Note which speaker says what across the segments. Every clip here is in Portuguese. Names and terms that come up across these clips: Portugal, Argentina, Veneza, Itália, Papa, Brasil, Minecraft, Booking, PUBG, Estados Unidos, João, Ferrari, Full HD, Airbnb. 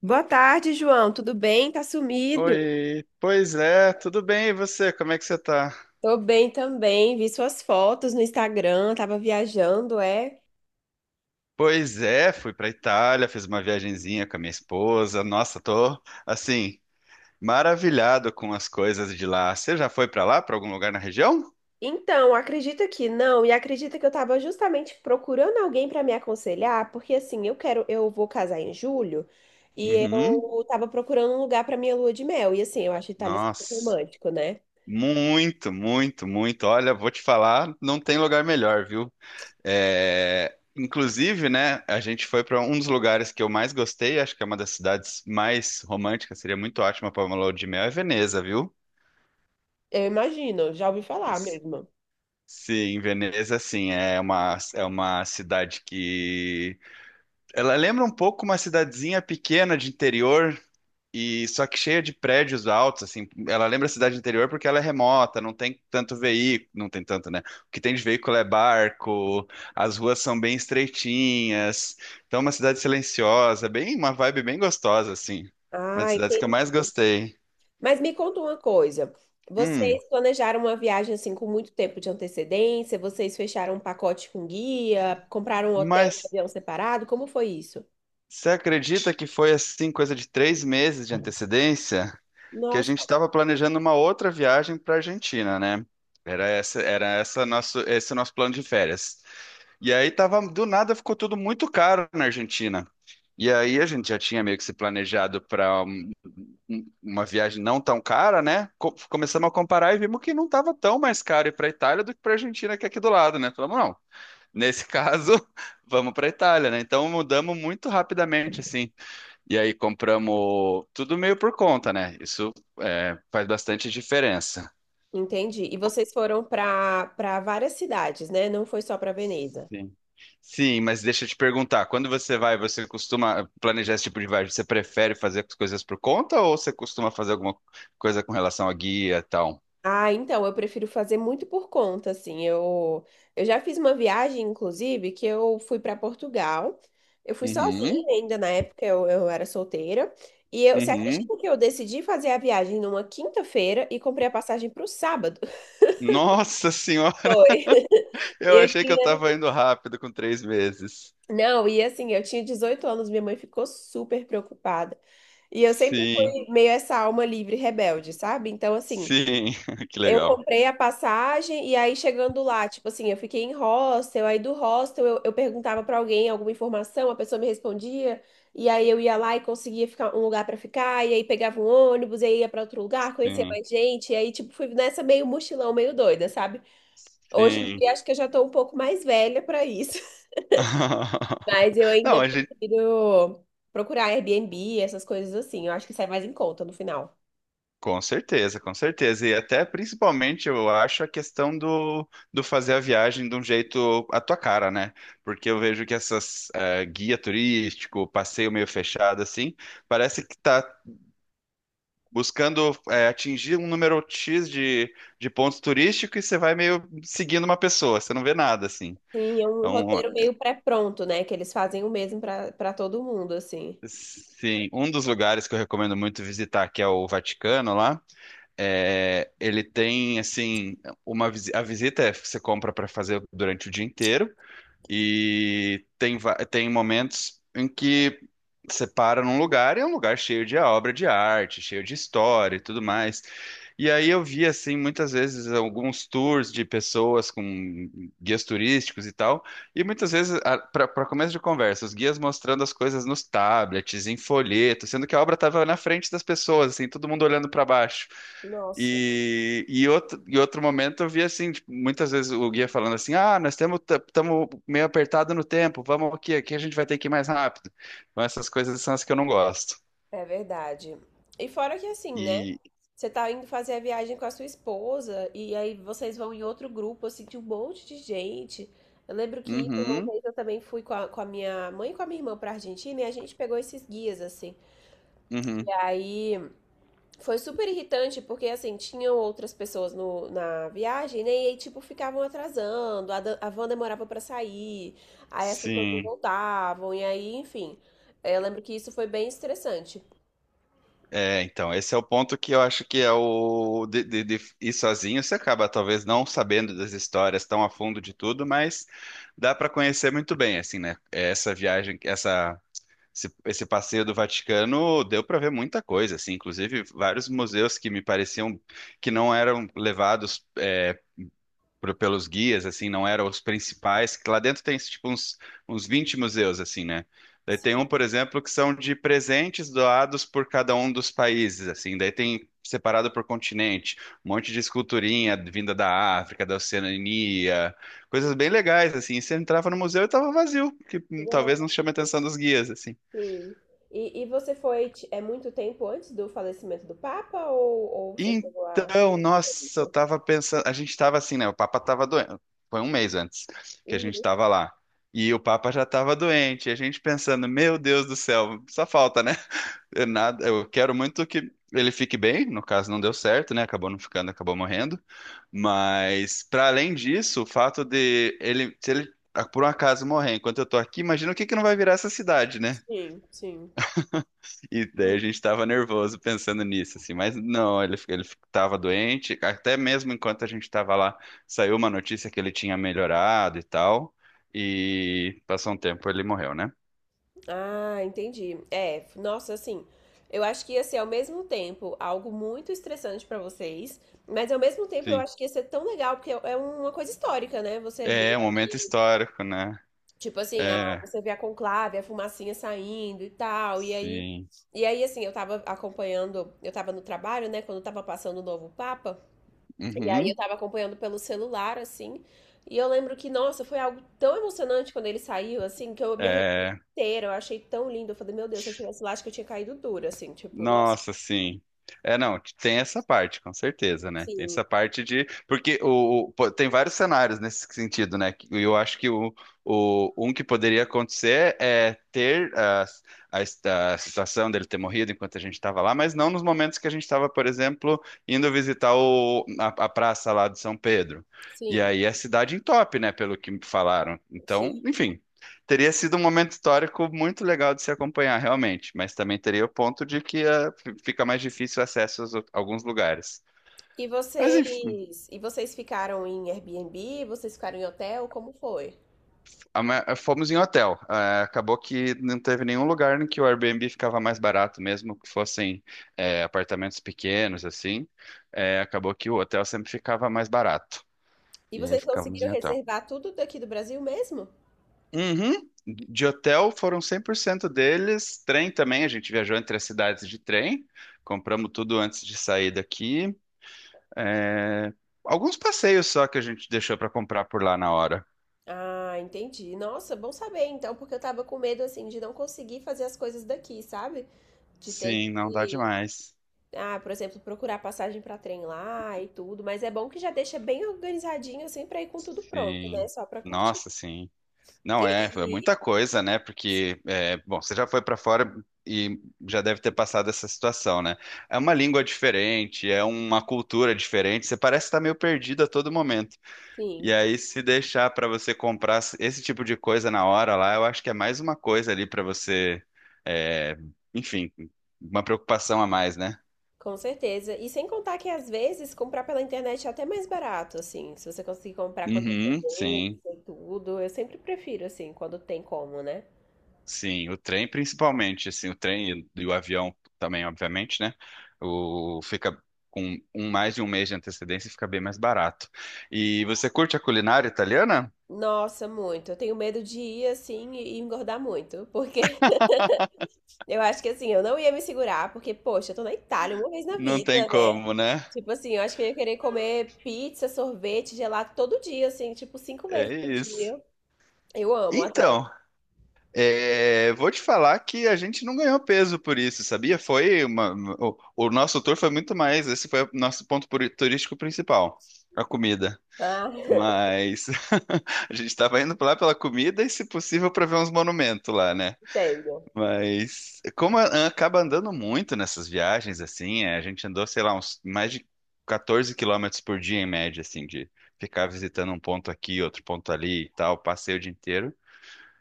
Speaker 1: Boa tarde, João. Tudo bem? Tá sumido?
Speaker 2: Oi, pois é, tudo bem, e você? Como é que você tá?
Speaker 1: Tô bem também. Vi suas fotos no Instagram, tava viajando, é?
Speaker 2: Pois é, fui pra Itália, fiz uma viagenzinha com a minha esposa. Nossa, tô assim, maravilhado com as coisas de lá. Você já foi pra lá, pra algum lugar na região?
Speaker 1: Então, acredita que não, e acredita que eu tava justamente procurando alguém pra me aconselhar, porque assim, eu quero, eu vou casar em julho e
Speaker 2: Uhum.
Speaker 1: eu tava procurando um lugar pra minha lua de mel. E assim, eu acho Itália super
Speaker 2: Nossa,
Speaker 1: romântico, né?
Speaker 2: muito, muito, muito. Olha, vou te falar, não tem lugar melhor, viu? É, inclusive, né, a gente foi para um dos lugares que eu mais gostei, acho que é uma das cidades mais românticas, seria muito ótima para uma lua de mel, é Veneza, viu?
Speaker 1: Eu imagino, já ouvi falar mesmo.
Speaker 2: Sim, Veneza, sim, é uma cidade que... Ela lembra um pouco uma cidadezinha pequena de interior, e só que cheia de prédios altos, assim. Ela lembra a cidade de interior porque ela é remota, não tem tanto veículo, não tem tanto, né? O que tem de veículo é barco, as ruas são bem estreitinhas, então é uma cidade silenciosa, bem uma vibe bem gostosa, assim. Uma das
Speaker 1: Ah,
Speaker 2: cidades que eu
Speaker 1: entendi.
Speaker 2: mais gostei.
Speaker 1: Mas me conta uma coisa.
Speaker 2: Hum,
Speaker 1: Vocês planejaram uma viagem assim com muito tempo de antecedência? Vocês fecharam um pacote com guia? Compraram um hotel e
Speaker 2: mas...
Speaker 1: avião separado? Como foi isso?
Speaker 2: Você acredita que foi assim, coisa de três meses de antecedência? Que a
Speaker 1: Nossa,
Speaker 2: gente estava planejando uma outra viagem para a Argentina, né? Esse nosso plano de férias. E aí tava, do nada ficou tudo muito caro na Argentina. E aí a gente já tinha meio que se planejado para uma viagem não tão cara, né? Começamos a comparar e vimos que não estava tão mais caro ir para a Itália do que para a Argentina, que é aqui do lado, né? Falamos, não, nesse caso, vamos para a Itália, né? Então mudamos muito rapidamente, assim. E aí compramos tudo meio por conta, né? Isso é, faz bastante diferença.
Speaker 1: entendi. E vocês foram para várias cidades, né? Não foi só para Veneza.
Speaker 2: Sim. Sim, mas deixa eu te perguntar, quando você vai, você costuma planejar esse tipo de viagem? Você prefere fazer as coisas por conta ou você costuma fazer alguma coisa com relação a guia e tal?
Speaker 1: Ah, então, eu prefiro fazer muito por conta, assim. Eu já fiz uma viagem, inclusive, que eu fui para Portugal. Eu fui sozinha
Speaker 2: Uhum,
Speaker 1: ainda na época, eu era solteira. E eu, você
Speaker 2: uhum.
Speaker 1: acredita que eu decidi fazer a viagem numa quinta-feira e comprei a passagem para o sábado?
Speaker 2: Nossa senhora,
Speaker 1: Foi.
Speaker 2: eu
Speaker 1: Eu
Speaker 2: achei que eu
Speaker 1: tinha.
Speaker 2: tava indo rápido com três meses.
Speaker 1: Não, e assim, eu tinha 18 anos, minha mãe ficou super preocupada. E eu sempre
Speaker 2: Sim,
Speaker 1: fui meio essa alma livre, rebelde, sabe? Então, assim.
Speaker 2: sim, que
Speaker 1: Eu
Speaker 2: legal.
Speaker 1: comprei a passagem e aí chegando lá, tipo assim, eu fiquei em hostel, aí do hostel eu perguntava pra alguém alguma informação, a pessoa me respondia, e aí eu ia lá e conseguia ficar um lugar pra ficar, e aí pegava um ônibus, e aí ia pra outro lugar, conhecia
Speaker 2: Sim,
Speaker 1: mais gente, e aí tipo fui nessa meio mochilão, meio doida, sabe? Hoje em
Speaker 2: sim.
Speaker 1: dia acho que eu já tô um pouco mais velha pra isso, mas eu
Speaker 2: Não,
Speaker 1: ainda
Speaker 2: a gente
Speaker 1: prefiro procurar Airbnb, essas coisas assim, eu acho que sai mais em conta no final.
Speaker 2: com certeza, com certeza. E até principalmente eu acho a questão do, do fazer a viagem de um jeito à tua cara, né? Porque eu vejo que essas guia turístico, passeio meio fechado, assim, parece que tá buscando atingir um número X de pontos turísticos e você vai meio seguindo uma pessoa, você não vê nada, assim.
Speaker 1: Sim, é um
Speaker 2: Então,
Speaker 1: roteiro meio pré-pronto, né? Que eles fazem o mesmo pra para todo mundo, assim.
Speaker 2: sim, um dos lugares que eu recomendo muito visitar, que é o Vaticano lá. É, ele tem assim a visita é que você compra para fazer durante o dia inteiro e tem momentos em que você para num lugar e é um lugar cheio de obra de arte, cheio de história e tudo mais. E aí eu vi assim muitas vezes alguns tours de pessoas com guias turísticos e tal, e muitas vezes para começo de conversa, os guias mostrando as coisas nos tablets, em folheto, sendo que a obra estava na frente das pessoas, assim, todo mundo olhando para baixo.
Speaker 1: Nossa,
Speaker 2: E outro momento eu vi assim, tipo, muitas vezes o guia falando assim, ah, nós temos estamos meio apertado no tempo, vamos aqui, aqui a gente vai ter que ir mais rápido. Então essas coisas são as que eu não gosto.
Speaker 1: é verdade. E fora que assim, né?
Speaker 2: E
Speaker 1: Você tá indo fazer a viagem com a sua esposa e aí vocês vão em outro grupo, assim, de um monte de gente. Eu lembro que uma
Speaker 2: uhum,
Speaker 1: vez eu também fui com a minha mãe e com a minha irmã pra Argentina e a gente pegou esses guias, assim. E
Speaker 2: uhum,
Speaker 1: aí. Foi super irritante, porque assim, tinham outras pessoas no, na viagem, né? E aí, tipo, ficavam atrasando, a van demorava pra sair, aí as pessoas não
Speaker 2: sim.
Speaker 1: voltavam, e aí, enfim. Eu lembro que isso foi bem estressante.
Speaker 2: É, então, esse é o ponto que eu acho que é o de ir sozinho, você acaba talvez não sabendo das histórias tão a fundo de tudo, mas dá para conhecer muito bem, assim, né? É, essa viagem, essa, esse passeio do Vaticano deu para ver muita coisa, assim, inclusive vários museus que me pareciam que não eram levados pelos guias, assim, não eram os principais, que lá dentro tem tipo uns 20 museus, assim, né? Daí tem
Speaker 1: Sim.
Speaker 2: um, por exemplo, que são de presentes doados por cada um dos países, assim, daí tem separado por continente, um monte de esculturinha vinda da África, da Oceania, coisas bem legais, assim, e você entrava no museu e tava vazio, que talvez
Speaker 1: Nossa.
Speaker 2: não chame a atenção dos guias, assim.
Speaker 1: Sim. E você foi, é muito tempo antes do falecimento do Papa, ou você chegou a...
Speaker 2: Então, nossa, eu tava pensando, a gente tava assim, né? O Papa tava doente, foi um mês antes que a gente
Speaker 1: Uhum.
Speaker 2: tava lá. E o Papa já tava doente, e a gente pensando, meu Deus do céu, só falta, né? Eu, nada, eu quero muito que ele fique bem, no caso não deu certo, né? Acabou não ficando, acabou morrendo. Mas para além disso, o fato de ele, se ele ah, por um acaso morrer enquanto eu tô aqui, imagina o que que não vai virar essa cidade, né?
Speaker 1: Sim, sim.
Speaker 2: E daí a gente tava nervoso pensando nisso, assim, mas não, ele tava doente, até mesmo enquanto a gente tava lá, saiu uma notícia que ele tinha melhorado e tal, e passou um tempo ele morreu, né?
Speaker 1: Ah, entendi. É, nossa, assim, eu acho que ia ser ao mesmo tempo algo muito estressante pra vocês, mas ao mesmo tempo eu
Speaker 2: Sim.
Speaker 1: acho que ia ser tão legal, porque é uma coisa histórica, né? Você vê,
Speaker 2: É um momento histórico, né?
Speaker 1: tipo assim, a-
Speaker 2: É,
Speaker 1: você vê a conclave, a fumacinha saindo e tal,
Speaker 2: sim.
Speaker 1: e aí, assim, eu tava acompanhando, eu tava no trabalho, né, quando tava passando o novo Papa, e aí eu
Speaker 2: Uhum.
Speaker 1: tava acompanhando pelo celular, assim. E eu lembro que, nossa, foi algo tão emocionante quando ele saiu, assim, que eu me arrepiei
Speaker 2: É,
Speaker 1: inteira. Eu achei tão lindo. Eu falei, meu Deus, se eu tivesse lá, acho que eu tinha caído dura, assim, tipo, nossa.
Speaker 2: nossa, sim. É, não, tem essa parte, com certeza, né? Tem
Speaker 1: Sim,
Speaker 2: essa parte de. Porque pô, tem vários cenários nesse sentido, né? E eu acho que um que poderia acontecer é ter a situação dele ter morrido enquanto a gente estava lá, mas não nos momentos que a gente estava, por exemplo, indo visitar a praça lá de São Pedro. E
Speaker 1: sim,
Speaker 2: aí a cidade entope, né? Pelo que me falaram.
Speaker 1: sim.
Speaker 2: Então, enfim. Teria sido um momento histórico muito legal de se acompanhar, realmente, mas também teria o ponto de que fica mais difícil o acesso a alguns lugares. Mas enfim,
Speaker 1: E vocês ficaram em Airbnb? Vocês ficaram em hotel? Como foi?
Speaker 2: fomos em hotel. Acabou que não teve nenhum lugar em que o Airbnb ficava mais barato, mesmo que fossem apartamentos pequenos, assim. Acabou que o hotel sempre ficava mais barato.
Speaker 1: E
Speaker 2: E aí
Speaker 1: vocês
Speaker 2: ficamos
Speaker 1: conseguiram
Speaker 2: em hotel.
Speaker 1: reservar tudo daqui do Brasil mesmo?
Speaker 2: Uhum. De hotel foram 100% deles. Trem também, a gente viajou entre as cidades de trem. Compramos tudo antes de sair daqui. É, alguns passeios só que a gente deixou pra comprar por lá na hora.
Speaker 1: Ah, entendi. Nossa, bom saber então, porque eu tava com medo assim de não conseguir fazer as coisas daqui, sabe? De ter que
Speaker 2: Sim, não dá demais.
Speaker 1: Ah, por exemplo, procurar passagem para trem lá e tudo, mas é bom que já deixa bem organizadinho assim para ir com tudo pronto, né?
Speaker 2: Sim.
Speaker 1: Só para curtir.
Speaker 2: Nossa, sim.
Speaker 1: E-
Speaker 2: Não é, é
Speaker 1: e-
Speaker 2: muita coisa, né? Porque, é, bom, você já foi pra fora e já deve ter passado essa situação, né? É uma língua diferente, é uma cultura diferente, você parece estar meio perdido a todo momento. E
Speaker 1: sim,
Speaker 2: aí, se deixar pra você comprar esse tipo de coisa na hora lá, eu acho que é mais uma coisa ali pra você, é, enfim, uma preocupação a mais, né?
Speaker 1: com certeza. E sem contar que às vezes comprar pela internet é até mais barato, assim, se você conseguir comprar com
Speaker 2: Uhum, sim,
Speaker 1: antecedência e tudo, eu sempre prefiro assim, quando tem como, né?
Speaker 2: sim, o trem principalmente, assim, o trem e o avião também, obviamente, né? O fica com um, mais de um mês de antecedência e fica bem mais barato. E você curte a culinária italiana?
Speaker 1: Nossa, muito. Eu tenho medo de ir assim e engordar muito, porque eu acho que assim, eu não ia me segurar, porque poxa, eu tô na Itália uma vez na
Speaker 2: Não tem
Speaker 1: vida, né?
Speaker 2: como, né?
Speaker 1: Tipo assim, eu acho que eu ia querer comer pizza, sorvete, gelato todo dia, assim, tipo cinco vezes
Speaker 2: É
Speaker 1: por
Speaker 2: isso.
Speaker 1: dia. Eu amo, adoro.
Speaker 2: Então, é, vou te falar que a gente não ganhou peso por isso, sabia? Foi uma, o nosso tour foi muito mais, esse foi o nosso ponto turístico principal, a comida.
Speaker 1: Ah,
Speaker 2: Mas a gente estava indo lá pela comida e, se possível, para ver uns monumentos lá, né?
Speaker 1: entendo.
Speaker 2: Mas como acaba andando muito nessas viagens, assim, é, a gente andou, sei lá, uns mais de 14 quilômetros por dia em média, assim, de ficar visitando um ponto aqui, outro ponto ali e tal, passei o dia inteiro.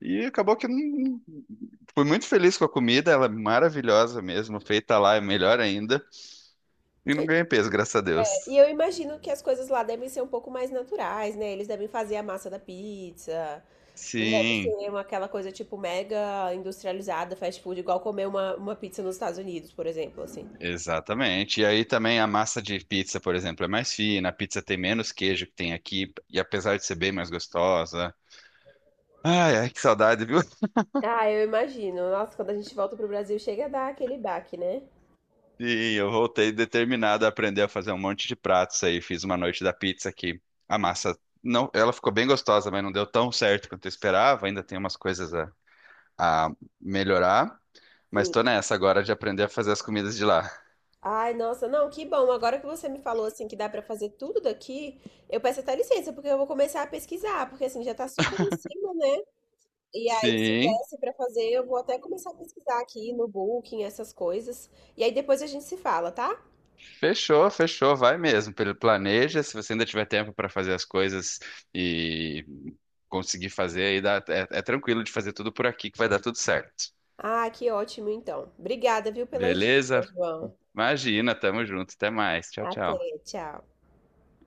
Speaker 2: E acabou que eu não... fui muito feliz com a comida, ela é maravilhosa mesmo, feita lá é melhor ainda. E não ganhei peso, graças a Deus.
Speaker 1: E eu imagino que as coisas lá devem ser um pouco mais naturais, né? Eles devem fazer a massa da pizza. Não deve ser
Speaker 2: Sim.
Speaker 1: uma, aquela coisa tipo mega industrializada, fast food, igual comer uma pizza nos Estados Unidos, por exemplo, assim.
Speaker 2: Exatamente. E aí também a massa de pizza, por exemplo, é mais fina, a pizza tem menos queijo que tem aqui, e apesar de ser bem mais gostosa. Ai, ai, que saudade, viu?
Speaker 1: Ah, eu imagino. Nossa, quando a gente volta pro Brasil, chega a dar aquele baque, né?
Speaker 2: E eu voltei determinado a aprender a fazer um monte de pratos aí. Fiz uma noite da pizza que a massa não, ela ficou bem gostosa, mas não deu tão certo quanto eu esperava. Ainda tem umas coisas a melhorar, mas tô
Speaker 1: Sim.
Speaker 2: nessa agora de aprender a fazer as comidas de lá.
Speaker 1: Ai, nossa, não, que bom. Agora que você me falou assim que dá pra fazer tudo daqui, eu peço até licença, porque eu vou começar a pesquisar, porque assim já tá super em cima, né? E aí se
Speaker 2: Sim,
Speaker 1: desse pra fazer, eu vou até começar a pesquisar aqui no Booking, essas coisas. E aí depois a gente se fala, tá?
Speaker 2: fechou, fechou, vai mesmo. Pelo- planeja, se você ainda tiver tempo para fazer as coisas e conseguir fazer, aí dá, é, é tranquilo de fazer tudo por aqui que vai dar tudo certo.
Speaker 1: Ah, que ótimo então. Obrigada, viu, pelas
Speaker 2: Beleza?
Speaker 1: dicas, João.
Speaker 2: Imagina, tamo junto, até mais. Tchau, tchau.
Speaker 1: Até, tchau.